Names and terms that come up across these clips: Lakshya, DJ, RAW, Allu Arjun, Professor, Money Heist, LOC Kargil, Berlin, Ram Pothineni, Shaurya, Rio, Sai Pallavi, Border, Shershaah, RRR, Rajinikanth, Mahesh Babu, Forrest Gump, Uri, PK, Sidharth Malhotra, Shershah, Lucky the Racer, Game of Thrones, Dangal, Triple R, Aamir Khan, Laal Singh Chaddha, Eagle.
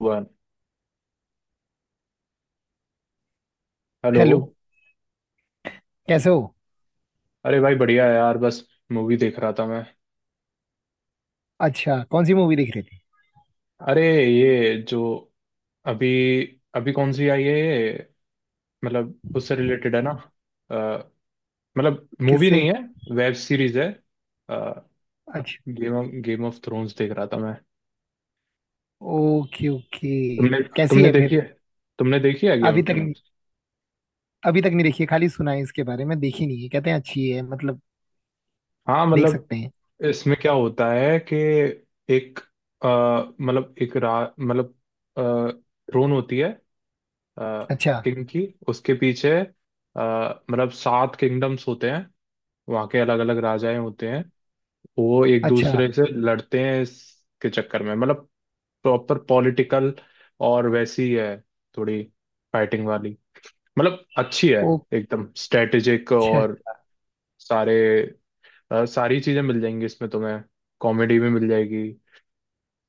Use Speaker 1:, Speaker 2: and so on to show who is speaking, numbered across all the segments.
Speaker 1: One. Hello.
Speaker 2: Hello. कैसे हो?
Speaker 1: अरे भाई, बढ़िया है यार, बस मूवी देख रहा था मैं।
Speaker 2: अच्छा, कौन सी मूवी देख रहे थे?
Speaker 1: अरे ये जो अभी अभी कौन सी आई है ये, मतलब उससे रिलेटेड है ना। अ, मतलब मूवी
Speaker 2: किससे?
Speaker 1: नहीं है, वेब सीरीज है।
Speaker 2: अच्छा।
Speaker 1: गेम ऑफ थ्रोन्स देख रहा था मैं।
Speaker 2: Okay okay.
Speaker 1: तुमने
Speaker 2: कैसी
Speaker 1: तुमने
Speaker 2: है
Speaker 1: देखी
Speaker 2: फिर?
Speaker 1: है? तुमने देखी है गेम
Speaker 2: अभी
Speaker 1: ऑफ
Speaker 2: तक नहीं।
Speaker 1: थ्रोन्स?
Speaker 2: अभी तक नहीं देखी है, खाली सुना है इसके बारे में, देखी नहीं है। कहते हैं अच्छी है, मतलब
Speaker 1: हाँ,
Speaker 2: देख
Speaker 1: मतलब
Speaker 2: सकते हैं।
Speaker 1: इसमें क्या होता है कि, एक अ, मतलब एक रा मतलब थ्रोन होती है
Speaker 2: अच्छा।
Speaker 1: किंग की, उसके पीछे। मतलब 7 किंगडम्स होते हैं, वहाँ के अलग अलग राजाएं होते हैं। वो एक
Speaker 2: अच्छा।
Speaker 1: दूसरे से लड़ते हैं इसके चक्कर में, मतलब प्रॉपर पॉलिटिकल और वैसी है, थोड़ी फाइटिंग वाली, मतलब अच्छी है।
Speaker 2: ओ।
Speaker 1: एकदम स्ट्रेटेजिक
Speaker 2: अच्छा।
Speaker 1: और सारे, सारी चीजें मिल जाएंगी इसमें तुम्हें। कॉमेडी भी मिल जाएगी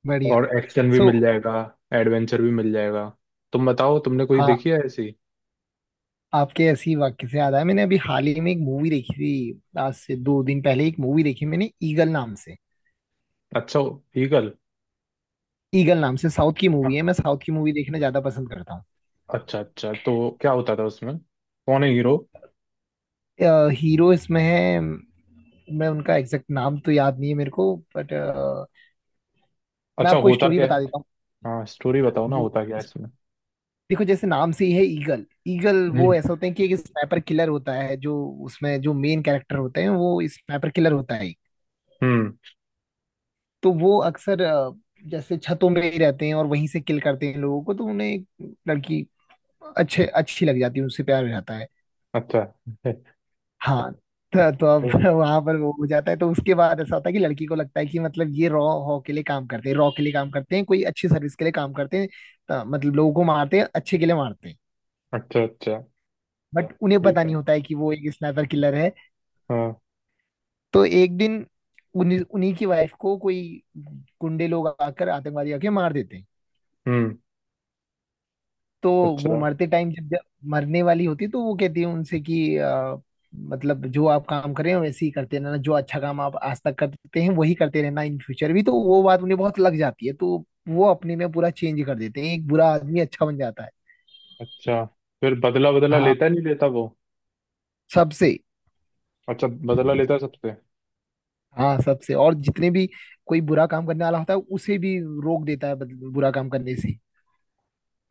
Speaker 2: बढ़िया।
Speaker 1: और एक्शन भी
Speaker 2: सो।
Speaker 1: मिल जाएगा, एडवेंचर भी मिल जाएगा। तुम बताओ, तुमने कोई
Speaker 2: हाँ।
Speaker 1: देखी है ऐसी?
Speaker 2: आपके ऐसी वाक्य से याद आया, मैंने अभी हाल ही में एक मूवी देखी थी। आज से दो दिन पहले एक मूवी देखी मैंने, ईगल नाम से।
Speaker 1: अच्छा, ईगल?
Speaker 2: ईगल नाम से, साउथ की मूवी है। मैं साउथ की मूवी देखना ज्यादा पसंद करता
Speaker 1: अच्छा अच्छा, तो क्या होता था उसमें? कौन है हीरो?
Speaker 2: हूँ। हीरो इसमें है, मैं उनका एग्जैक्ट नाम तो याद नहीं है मेरे को, बट मैं
Speaker 1: अच्छा,
Speaker 2: आपको
Speaker 1: होता
Speaker 2: स्टोरी
Speaker 1: क्या है?
Speaker 2: बता देता हूँ।
Speaker 1: हाँ, स्टोरी बताओ ना,
Speaker 2: वो
Speaker 1: होता क्या है इसमें?
Speaker 2: देखो, जैसे नाम से ही है ईगल। ईगल
Speaker 1: हम्म।
Speaker 2: वो ऐसा होते हैं कि एक स्नाइपर किलर होता है जो उसमें, जो मेन कैरेक्टर होते हैं वो स्नाइपर किलर होता है।
Speaker 1: हम्म।
Speaker 2: तो वो अक्सर जैसे छतों में ही रहते हैं और वहीं से किल करते हैं लोगों को। तो उन्हें एक लड़की अच्छे अच्छी लग जाती है, उनसे प्यार हो जाता है।
Speaker 1: अच्छा।
Speaker 2: हाँ, तो अब
Speaker 1: फिर?
Speaker 2: वहां पर वो हो जाता है। तो उसके बाद ऐसा होता है कि लड़की को लगता है कि मतलब ये रॉ हॉ के लिए काम करते हैं, रॉ के लिए काम करते हैं, कोई अच्छी सर्विस के लिए काम करते हैं, तो मतलब लोगों को मारते हैं, अच्छे के लिए मारते हैं।
Speaker 1: अच्छा अच्छा।
Speaker 2: बट उन्हें पता
Speaker 1: ठीक है।
Speaker 2: नहीं होता है कि वो एक स्नाइपर किलर है।
Speaker 1: हाँ।
Speaker 2: तो एक दिन उन्हीं उन्हीं की वाइफ को कोई गुंडे लोग आकर, आतंकवादी आके मार देते हैं।
Speaker 1: हम्म।
Speaker 2: तो वो
Speaker 1: अच्छा
Speaker 2: मरते टाइम, जब जब मरने वाली होती तो वो कहती है उनसे कि मतलब जो आप काम कर रहे हैं वैसे ही करते रहना, जो अच्छा काम आप आज तक करते हैं वही करते रहना इन फ्यूचर भी। तो वो बात उन्हें बहुत लग जाती है, तो वो अपने में पूरा चेंज कर देते हैं, एक बुरा आदमी अच्छा बन जाता है।
Speaker 1: अच्छा। फिर, बदला बदला
Speaker 2: हाँ
Speaker 1: लेता नहीं लेता वो?
Speaker 2: सबसे
Speaker 1: अच्छा, बदला लेता है सबसे।
Speaker 2: हाँ सबसे और जितने भी कोई बुरा काम करने वाला होता है उसे भी रोक देता है बुरा काम करने से।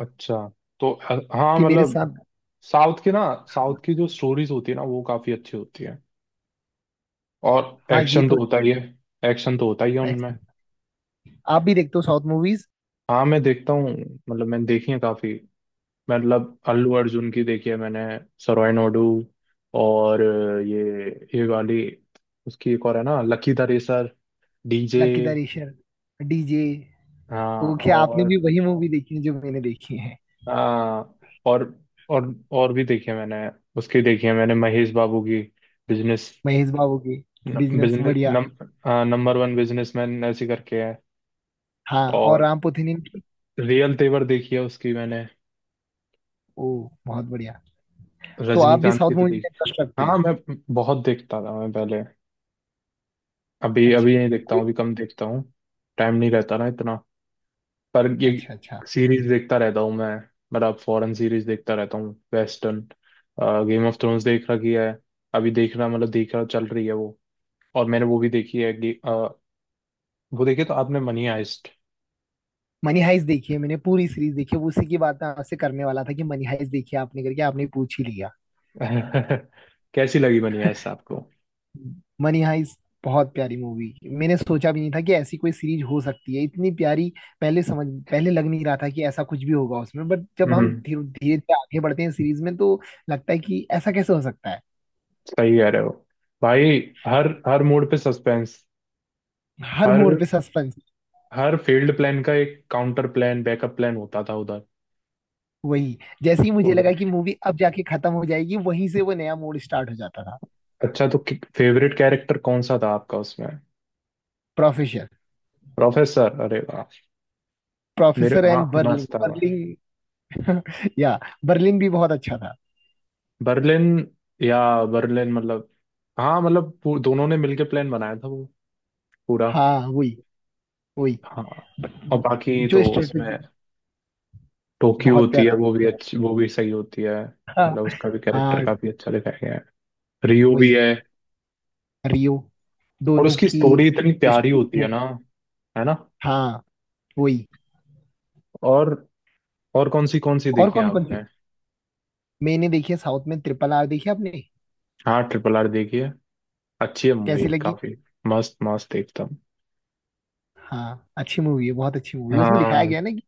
Speaker 1: अच्छा। तो हाँ,
Speaker 2: कि मेरे
Speaker 1: मतलब
Speaker 2: साथ।
Speaker 1: साउथ की ना, साउथ की जो स्टोरीज होती है ना वो काफी अच्छी होती है। और
Speaker 2: हाँ ये
Speaker 1: एक्शन तो
Speaker 2: तो।
Speaker 1: होता ही है, एक्शन तो होता ही है उनमें।
Speaker 2: एक्सपेक्ट- आप भी देखते हो साउथ मूवीज?
Speaker 1: हाँ, मैं देखता हूँ, मतलब मैंने देखी है काफी। मतलब अल्लू अर्जुन की देखी है मैंने, सरोय नोडू। और ये ये वाली, उसकी एक और है ना, lucky the racer, DJ.
Speaker 2: Lucky the racer, DJ.
Speaker 1: हाँ।
Speaker 2: ओके, आपने
Speaker 1: और
Speaker 2: भी वही मूवी देखी है जो मैंने देखी है।
Speaker 1: हाँ, और और भी देखी है मैंने। उसकी देखी है मैंने, महेश बाबू की, बिजनेस।
Speaker 2: महेश बाबू की बिजनेस,
Speaker 1: बिजनेस
Speaker 2: बढ़िया।
Speaker 1: हाँ, नंबर वन बिजनेसमैन ऐसी करके है।
Speaker 2: हाँ, और
Speaker 1: और
Speaker 2: राम पोथीनियम की।
Speaker 1: रियल तेवर देखी है उसकी मैंने,
Speaker 2: ओ, बहुत बढ़िया। तो आप भी
Speaker 1: रजनीकांत
Speaker 2: साउथ
Speaker 1: की तो
Speaker 2: मूवी में
Speaker 1: देखी।
Speaker 2: इंटरेस्ट रखते
Speaker 1: हाँ,
Speaker 2: हैं?
Speaker 1: मैं बहुत देखता था मैं पहले, अभी
Speaker 2: अच्छा।
Speaker 1: अभी नहीं देखता
Speaker 2: कोई?
Speaker 1: हूँ, अभी कम देखता हूँ। टाइम नहीं रहता ना इतना। पर ये
Speaker 2: अच्छा अच्छा।
Speaker 1: सीरीज देखता रहता हूँ मैं, मतलब फॉरेन सीरीज देखता रहता हूँ, वेस्टर्न। गेम ऑफ थ्रोन्स देख रखी है, अभी देखना मतलब देख रहा, चल रही है वो। और मैंने वो भी देखी है, वो देखी तो आपने मनी हाइस्ट?
Speaker 2: मनी हाइस्ट देखी है मैंने, पूरी सीरीज देखी है। उसी की बात मैं आपसे करने वाला था कि मनी हाइस्ट देखी है आपने करके, आपने पूछ ही लिया।
Speaker 1: कैसी लगी मनी हाइस्ट आपको?
Speaker 2: मनी हाइस्ट बहुत प्यारी मूवी। मैंने सोचा भी नहीं था कि ऐसी कोई सीरीज हो सकती है इतनी प्यारी। पहले समझ, पहले लग नहीं रहा था कि ऐसा कुछ भी होगा उसमें। बट जब हम
Speaker 1: हम्म।
Speaker 2: धीरे धीरे धीरे आगे बढ़ते हैं सीरीज में, तो लगता है कि ऐसा कैसे हो सकता है।
Speaker 1: सही कह रहे हो भाई, हर हर मोड पे सस्पेंस।
Speaker 2: हर
Speaker 1: हर
Speaker 2: मोड़ पे सस्पेंस।
Speaker 1: हर फील्ड, प्लान का एक काउंटर प्लान, बैकअप प्लान होता था
Speaker 2: वही। जैसे ही मुझे लगा
Speaker 1: उधर।
Speaker 2: कि मूवी अब जाके खत्म हो जाएगी, वहीं से वो नया मोड़ स्टार्ट हो जाता था।
Speaker 1: अच्छा, तो फेवरेट कैरेक्टर कौन सा था आपका उसमें?
Speaker 2: प्रोफेसर।
Speaker 1: प्रोफेसर, अरे वाह। मेरे,
Speaker 2: प्रोफेसर
Speaker 1: हाँ,
Speaker 2: एंड
Speaker 1: मस्त
Speaker 2: बर्लिन।
Speaker 1: था।
Speaker 2: बर्लिन या बर्लिन भी बहुत अच्छा था।
Speaker 1: बर्लिन या बर्लिन, मतलब, हाँ मतलब, दोनों ने मिलके प्लान बनाया था वो पूरा।
Speaker 2: हाँ वही। वही।
Speaker 1: हाँ। और बाकी तो
Speaker 2: जो
Speaker 1: उसमें
Speaker 2: स्ट्रेटेजी।
Speaker 1: टोक्यो
Speaker 2: बहुत
Speaker 1: होती है,
Speaker 2: प्यारा।
Speaker 1: वो भी अच्छी, वो भी सही होती है।
Speaker 2: हाँ।
Speaker 1: मतलब उसका भी कैरेक्टर
Speaker 2: हाँ
Speaker 1: काफी अच्छा दिखाया गया है। रियो भी
Speaker 2: वही।
Speaker 1: है।
Speaker 2: रियो।
Speaker 1: और
Speaker 2: दोनों
Speaker 1: उसकी
Speaker 2: की
Speaker 1: स्टोरी इतनी प्यारी होती
Speaker 2: स्टोरी
Speaker 1: है
Speaker 2: है।
Speaker 1: ना, है ना।
Speaker 2: हाँ वही।
Speaker 1: और और कौन सी
Speaker 2: और
Speaker 1: देखी है
Speaker 2: कौन कौन सी,
Speaker 1: आपने?
Speaker 2: मैंने देखी है साउथ में? ट्रिपल आर देखी है आपने?
Speaker 1: हाँ, RRR देखी है, अच्छी है मूवी
Speaker 2: कैसी लगी?
Speaker 1: काफी। मस्त मस्त एकदम।
Speaker 2: हाँ, अच्छी मूवी है, बहुत अच्छी मूवी है। उसमें दिखाया
Speaker 1: हाँ।
Speaker 2: गया है ना कि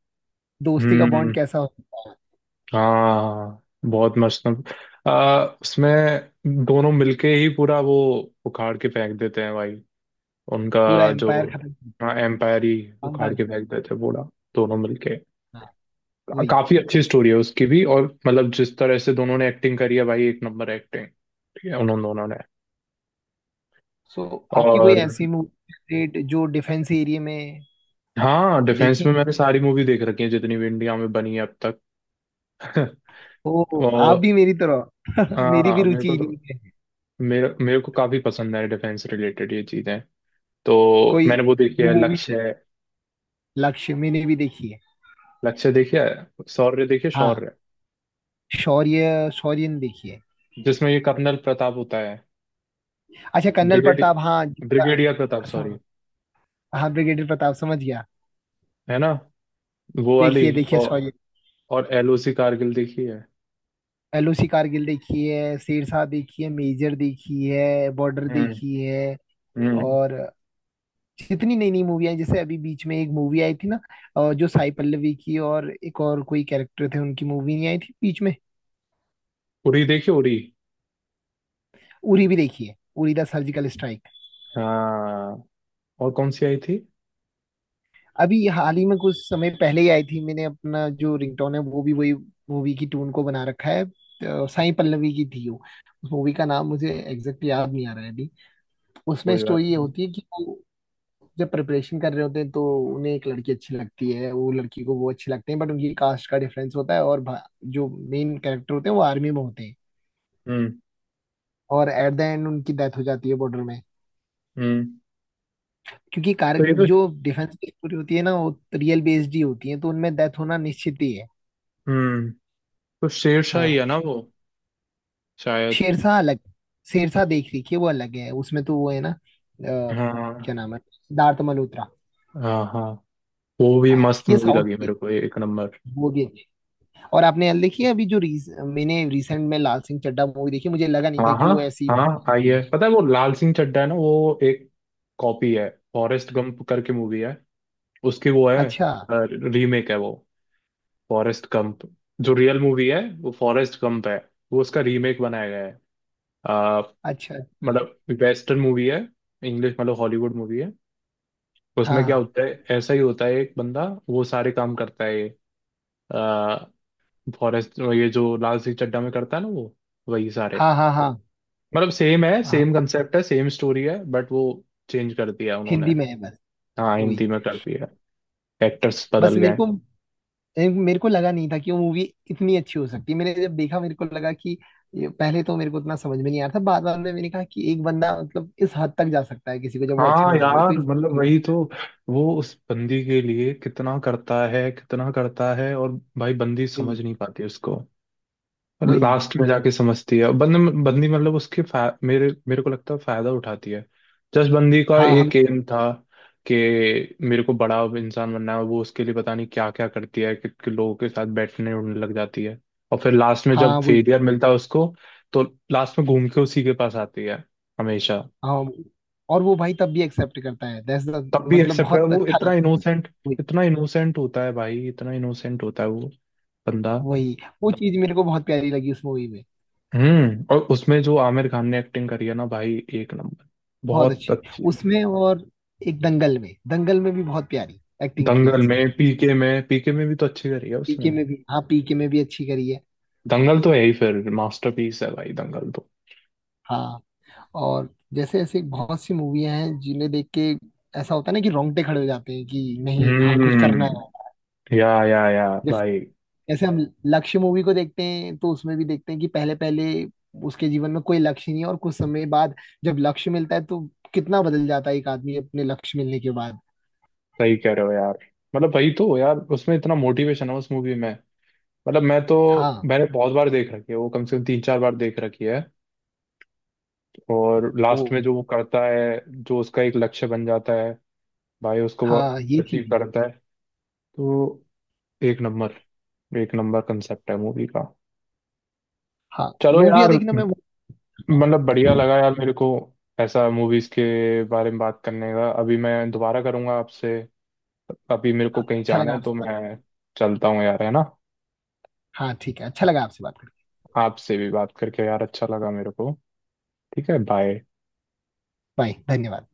Speaker 2: दोस्ती का बॉन्ड
Speaker 1: हम्म।
Speaker 2: कैसा होता है।
Speaker 1: हाँ, बहुत मस्त। उसमें दोनों मिलके ही पूरा वो उखाड़ के फेंक देते हैं भाई। उनका
Speaker 2: पूरा
Speaker 1: जो,
Speaker 2: एम्पायर खत्म,
Speaker 1: हाँ एम्पायर ही, उखाड़
Speaker 2: खानदान।
Speaker 1: के फेंक देते हैं पूरा, दोनों मिलके।
Speaker 2: हाँ वही।
Speaker 1: काफी अच्छी स्टोरी है उसकी भी। और मतलब जिस तरह से दोनों ने एक्टिंग करी है भाई, एक नंबर एक्टिंग। ठीक है उन्होंने दोनों ने।
Speaker 2: सो, आपकी कोई
Speaker 1: और
Speaker 2: ऐसी मूवी जो डिफेंस एरिया में?
Speaker 1: हाँ, डिफेंस
Speaker 2: देखे।
Speaker 1: में मैंने सारी मूवी देख रखी है, जितनी भी इंडिया में बनी है अब तक।
Speaker 2: ओ, आप
Speaker 1: और
Speaker 2: भी मेरी तरह मेरी भी
Speaker 1: हाँ, मेरे को
Speaker 2: रुचि इन्हीं
Speaker 1: तो,
Speaker 2: में है।
Speaker 1: मेरे मेरे को काफी पसंद है डिफेंस रिलेटेड ये चीजें। तो
Speaker 2: कोई
Speaker 1: मैंने वो देखी है,
Speaker 2: मूवी?
Speaker 1: लक्ष्य।
Speaker 2: लक्ष्य मैंने भी देखी है।
Speaker 1: लक्ष्य देखी है, शौर्य देखी है,
Speaker 2: हाँ,
Speaker 1: शौर्य,
Speaker 2: शौर्य शौर्य ने देखी है।
Speaker 1: जिसमें ये कर्नल प्रताप होता है,
Speaker 2: अच्छा, कर्नल
Speaker 1: ब्रिगेड
Speaker 2: प्रताप, हाँ,
Speaker 1: ब्रिगेडियर प्रताप सॉरी,
Speaker 2: हाँ ब्रिगेडियर प्रताप समझ गया।
Speaker 1: है ना वो वाली।
Speaker 2: देखिए देखिए
Speaker 1: और
Speaker 2: सॉरी।
Speaker 1: और एलओसी कारगिल देखी है।
Speaker 2: एलओसी कारगिल देखी है, शेरशाह देखी है, मेजर देखी है, बॉर्डर
Speaker 1: हम्म।
Speaker 2: देखी है।
Speaker 1: हम्म।
Speaker 2: और जितनी नई नई मूवी आई, जैसे अभी बीच में एक मूवी आई थी ना, जो साई पल्लवी की और एक और कोई कैरेक्टर थे, उनकी मूवी नहीं आई थी बीच में?
Speaker 1: उरी देखी, उरी।
Speaker 2: उरी भी देखी है, उरी द सर्जिकल स्ट्राइक।
Speaker 1: हाँ। और कौन सी आई थी?
Speaker 2: अभी हाल ही में, कुछ समय पहले ही आई थी। मैंने अपना जो रिंगटोन है, वो भी वही मूवी की टून को बना रखा है। तो साई पल्लवी की थी वो। उस मूवी का नाम मुझे एग्जैक्ट याद नहीं आ रहा है अभी। उसमें
Speaker 1: कोई बात
Speaker 2: स्टोरी ये
Speaker 1: नहीं।
Speaker 2: होती है कि वो जब प्रिपरेशन कर रहे होते हैं तो उन्हें एक लड़की अच्छी लगती है, वो लड़की को वो अच्छी लगते हैं, बट उनकी कास्ट का डिफरेंस होता है। और जो मेन कैरेक्टर होते हैं वो आर्मी में होते हैं।
Speaker 1: हम्म।
Speaker 2: और एट द एंड उनकी डेथ हो जाती है बॉर्डर में।
Speaker 1: हम्म।
Speaker 2: क्योंकि कार
Speaker 1: तो ये तो।
Speaker 2: जो डिफेंस की स्टोरी होती है ना, वो रियल बेस्ड ही होती है, तो उनमें डेथ होना निश्चित ही है।
Speaker 1: हम्म। तो शेरशाह ही
Speaker 2: हाँ।
Speaker 1: है ना वो, शायद।
Speaker 2: शेरशाह अलग। शेरशाह देख रही है वो अलग है। उसमें तो वो है ना,
Speaker 1: हाँ
Speaker 2: क्या नाम है, सिद्धार्थ मल्होत्रा।
Speaker 1: हाँ हाँ, वो भी
Speaker 2: हाँ
Speaker 1: मस्त
Speaker 2: ये
Speaker 1: मूवी
Speaker 2: साउथ
Speaker 1: लगी
Speaker 2: की है,
Speaker 1: मेरे को, एक नंबर।
Speaker 2: वो भी अच्छी है। और आपने यार देखी है अभी जो मैंने रिसेंट में लाल सिंह चड्ढा मूवी देखी, मुझे लगा नहीं था
Speaker 1: हाँ
Speaker 2: कि
Speaker 1: हाँ
Speaker 2: वो ऐसी हो
Speaker 1: हाँ, आई
Speaker 2: सकती
Speaker 1: है
Speaker 2: है।
Speaker 1: पता है। वो लाल सिंह चड्ढा है ना वो, एक कॉपी है। फॉरेस्ट गंप करके मूवी है, उसकी वो है,
Speaker 2: अच्छा।
Speaker 1: रीमेक है वो। फॉरेस्ट गंप जो रियल मूवी है, वो फॉरेस्ट गंप है, वो उसका रीमेक बनाया गया है। आ,
Speaker 2: अच्छा।
Speaker 1: मतलब वेस्टर्न मूवी है, इंग्लिश मतलब हॉलीवुड मूवी है। उसमें क्या
Speaker 2: हाँ
Speaker 1: होता है, ऐसा ही होता है, एक बंदा वो सारे काम करता है आ, फॉरेस्ट, ये जो लाल सिंह चड्ढा में करता है ना वो वही सारे,
Speaker 2: हाँ हाँ हाँ। हाँ।
Speaker 1: मतलब सेम है,
Speaker 2: हाँ,
Speaker 1: सेम कंसेप्ट है, सेम स्टोरी है, बट वो चेंज कर दिया है उन्होंने।
Speaker 2: हिंदी में है बस।
Speaker 1: हाँ,
Speaker 2: वही।
Speaker 1: हिंदी में कर दिया, एक्टर्स
Speaker 2: बस
Speaker 1: बदल गए
Speaker 2: मेरे
Speaker 1: हैं।
Speaker 2: को, मेरे को लगा नहीं था कि वो मूवी इतनी अच्छी हो सकती है। मैंने जब देखा, मेरे को लगा कि पहले तो मेरे को उतना समझ में नहीं आ रहा था, बाद बाद में मैंने कहा कि एक बंदा मतलब इस हद तक जा सकता है, किसी को जब वो अच्छा
Speaker 1: हाँ
Speaker 2: मान रहे हो तो
Speaker 1: यार,
Speaker 2: इस हद
Speaker 1: मतलब
Speaker 2: तक जा-।
Speaker 1: वही तो, वो उस बंदी के लिए कितना करता है, कितना करता है। और भाई, बंदी समझ
Speaker 2: वही।
Speaker 1: नहीं पाती उसको,
Speaker 2: वही।
Speaker 1: लास्ट में जाके समझती है। बंदी मतलब मेरे मेरे को लगता है, फायदा उठाती है। जस्ट बंदी का
Speaker 2: हाँ हम।
Speaker 1: एक एम था कि मेरे को बड़ा इंसान बनना है, वो उसके लिए पता नहीं क्या क्या करती है, कि लोगों के साथ बैठने उठने लग जाती है। और फिर लास्ट में
Speaker 2: हाँ
Speaker 1: जब
Speaker 2: वही।
Speaker 1: फेलियर मिलता है उसको, तो लास्ट में घूम के उसी के पास आती है हमेशा।
Speaker 2: हाँ वही। और वो भाई तब भी एक्सेप्ट करता है, दैट्स द,
Speaker 1: तब भी
Speaker 2: मतलब
Speaker 1: एक्सेप्ट कर,
Speaker 2: बहुत
Speaker 1: वो
Speaker 2: अच्छा
Speaker 1: इतना
Speaker 2: लगता है।
Speaker 1: इनोसेंट,
Speaker 2: वही।
Speaker 1: इतना इनोसेंट होता है भाई, इतना इनोसेंट होता है वो बंदा।
Speaker 2: वही। वो चीज मेरे को बहुत प्यारी लगी उस मूवी में।
Speaker 1: हम्म। और उसमें जो आमिर खान ने एक्टिंग करी है ना भाई, एक नंबर,
Speaker 2: बहुत
Speaker 1: बहुत
Speaker 2: अच्छी
Speaker 1: अच्छी।
Speaker 2: उसमें। और एक दंगल में भी बहुत प्यारी एक्टिंग की
Speaker 1: दंगल
Speaker 2: उसने।
Speaker 1: में, पीके में, पीके में भी तो अच्छी करी है उसने।
Speaker 2: पीके में भी, हाँ पीके में भी अच्छी करी है।
Speaker 1: दंगल तो है ही, फिर मास्टरपीस है भाई दंगल तो।
Speaker 2: हाँ। और जैसे ऐसे बहुत सी मूवियां हैं जिन्हें देख के ऐसा होता है ना कि रोंगटे खड़े हो जाते हैं कि नहीं, हाँ कुछ करना है।
Speaker 1: हम्म। या
Speaker 2: जैसे,
Speaker 1: भाई,
Speaker 2: जैसे हम लक्ष्य मूवी को देखते हैं, तो उसमें भी देखते हैं कि पहले पहले उसके जीवन में कोई लक्ष्य नहीं है, और कुछ समय बाद जब लक्ष्य मिलता है तो कितना बदल जाता है एक आदमी अपने लक्ष्य मिलने के बाद।
Speaker 1: सही कह रहे हो यार। मतलब भाई तो यार, उसमें इतना मोटिवेशन है उस मूवी में। मतलब मैं तो,
Speaker 2: हाँ
Speaker 1: मैंने बहुत बार देख रखी है वो, कम से कम 3-4 बार देख रखी है। और लास्ट
Speaker 2: वो।
Speaker 1: में जो वो करता है, जो उसका एक लक्ष्य बन जाता है भाई, उसको वो
Speaker 2: हाँ ये
Speaker 1: अचीव
Speaker 2: चीज है।
Speaker 1: करता है। तो एक नंबर, एक नंबर कंसेप्ट है मूवी का।
Speaker 2: हाँ,
Speaker 1: चलो
Speaker 2: मूवियाँ
Speaker 1: यार,
Speaker 2: देखना मैं वो करता हूँ।
Speaker 1: मतलब बढ़िया लगा यार मेरे को, ऐसा मूवीज के बारे में बात करने का। अभी मैं दोबारा करूंगा आपसे, अभी मेरे को
Speaker 2: हाँ,
Speaker 1: कहीं
Speaker 2: अच्छा
Speaker 1: जाना
Speaker 2: लगा
Speaker 1: है
Speaker 2: आपसे
Speaker 1: तो मैं
Speaker 2: बात।
Speaker 1: चलता हूँ यार, है ना।
Speaker 2: हाँ ठीक है, अच्छा लगा आपसे बात करके।
Speaker 1: आपसे भी बात करके यार अच्छा लगा मेरे को। ठीक है, बाय।
Speaker 2: बाय, धन्यवाद।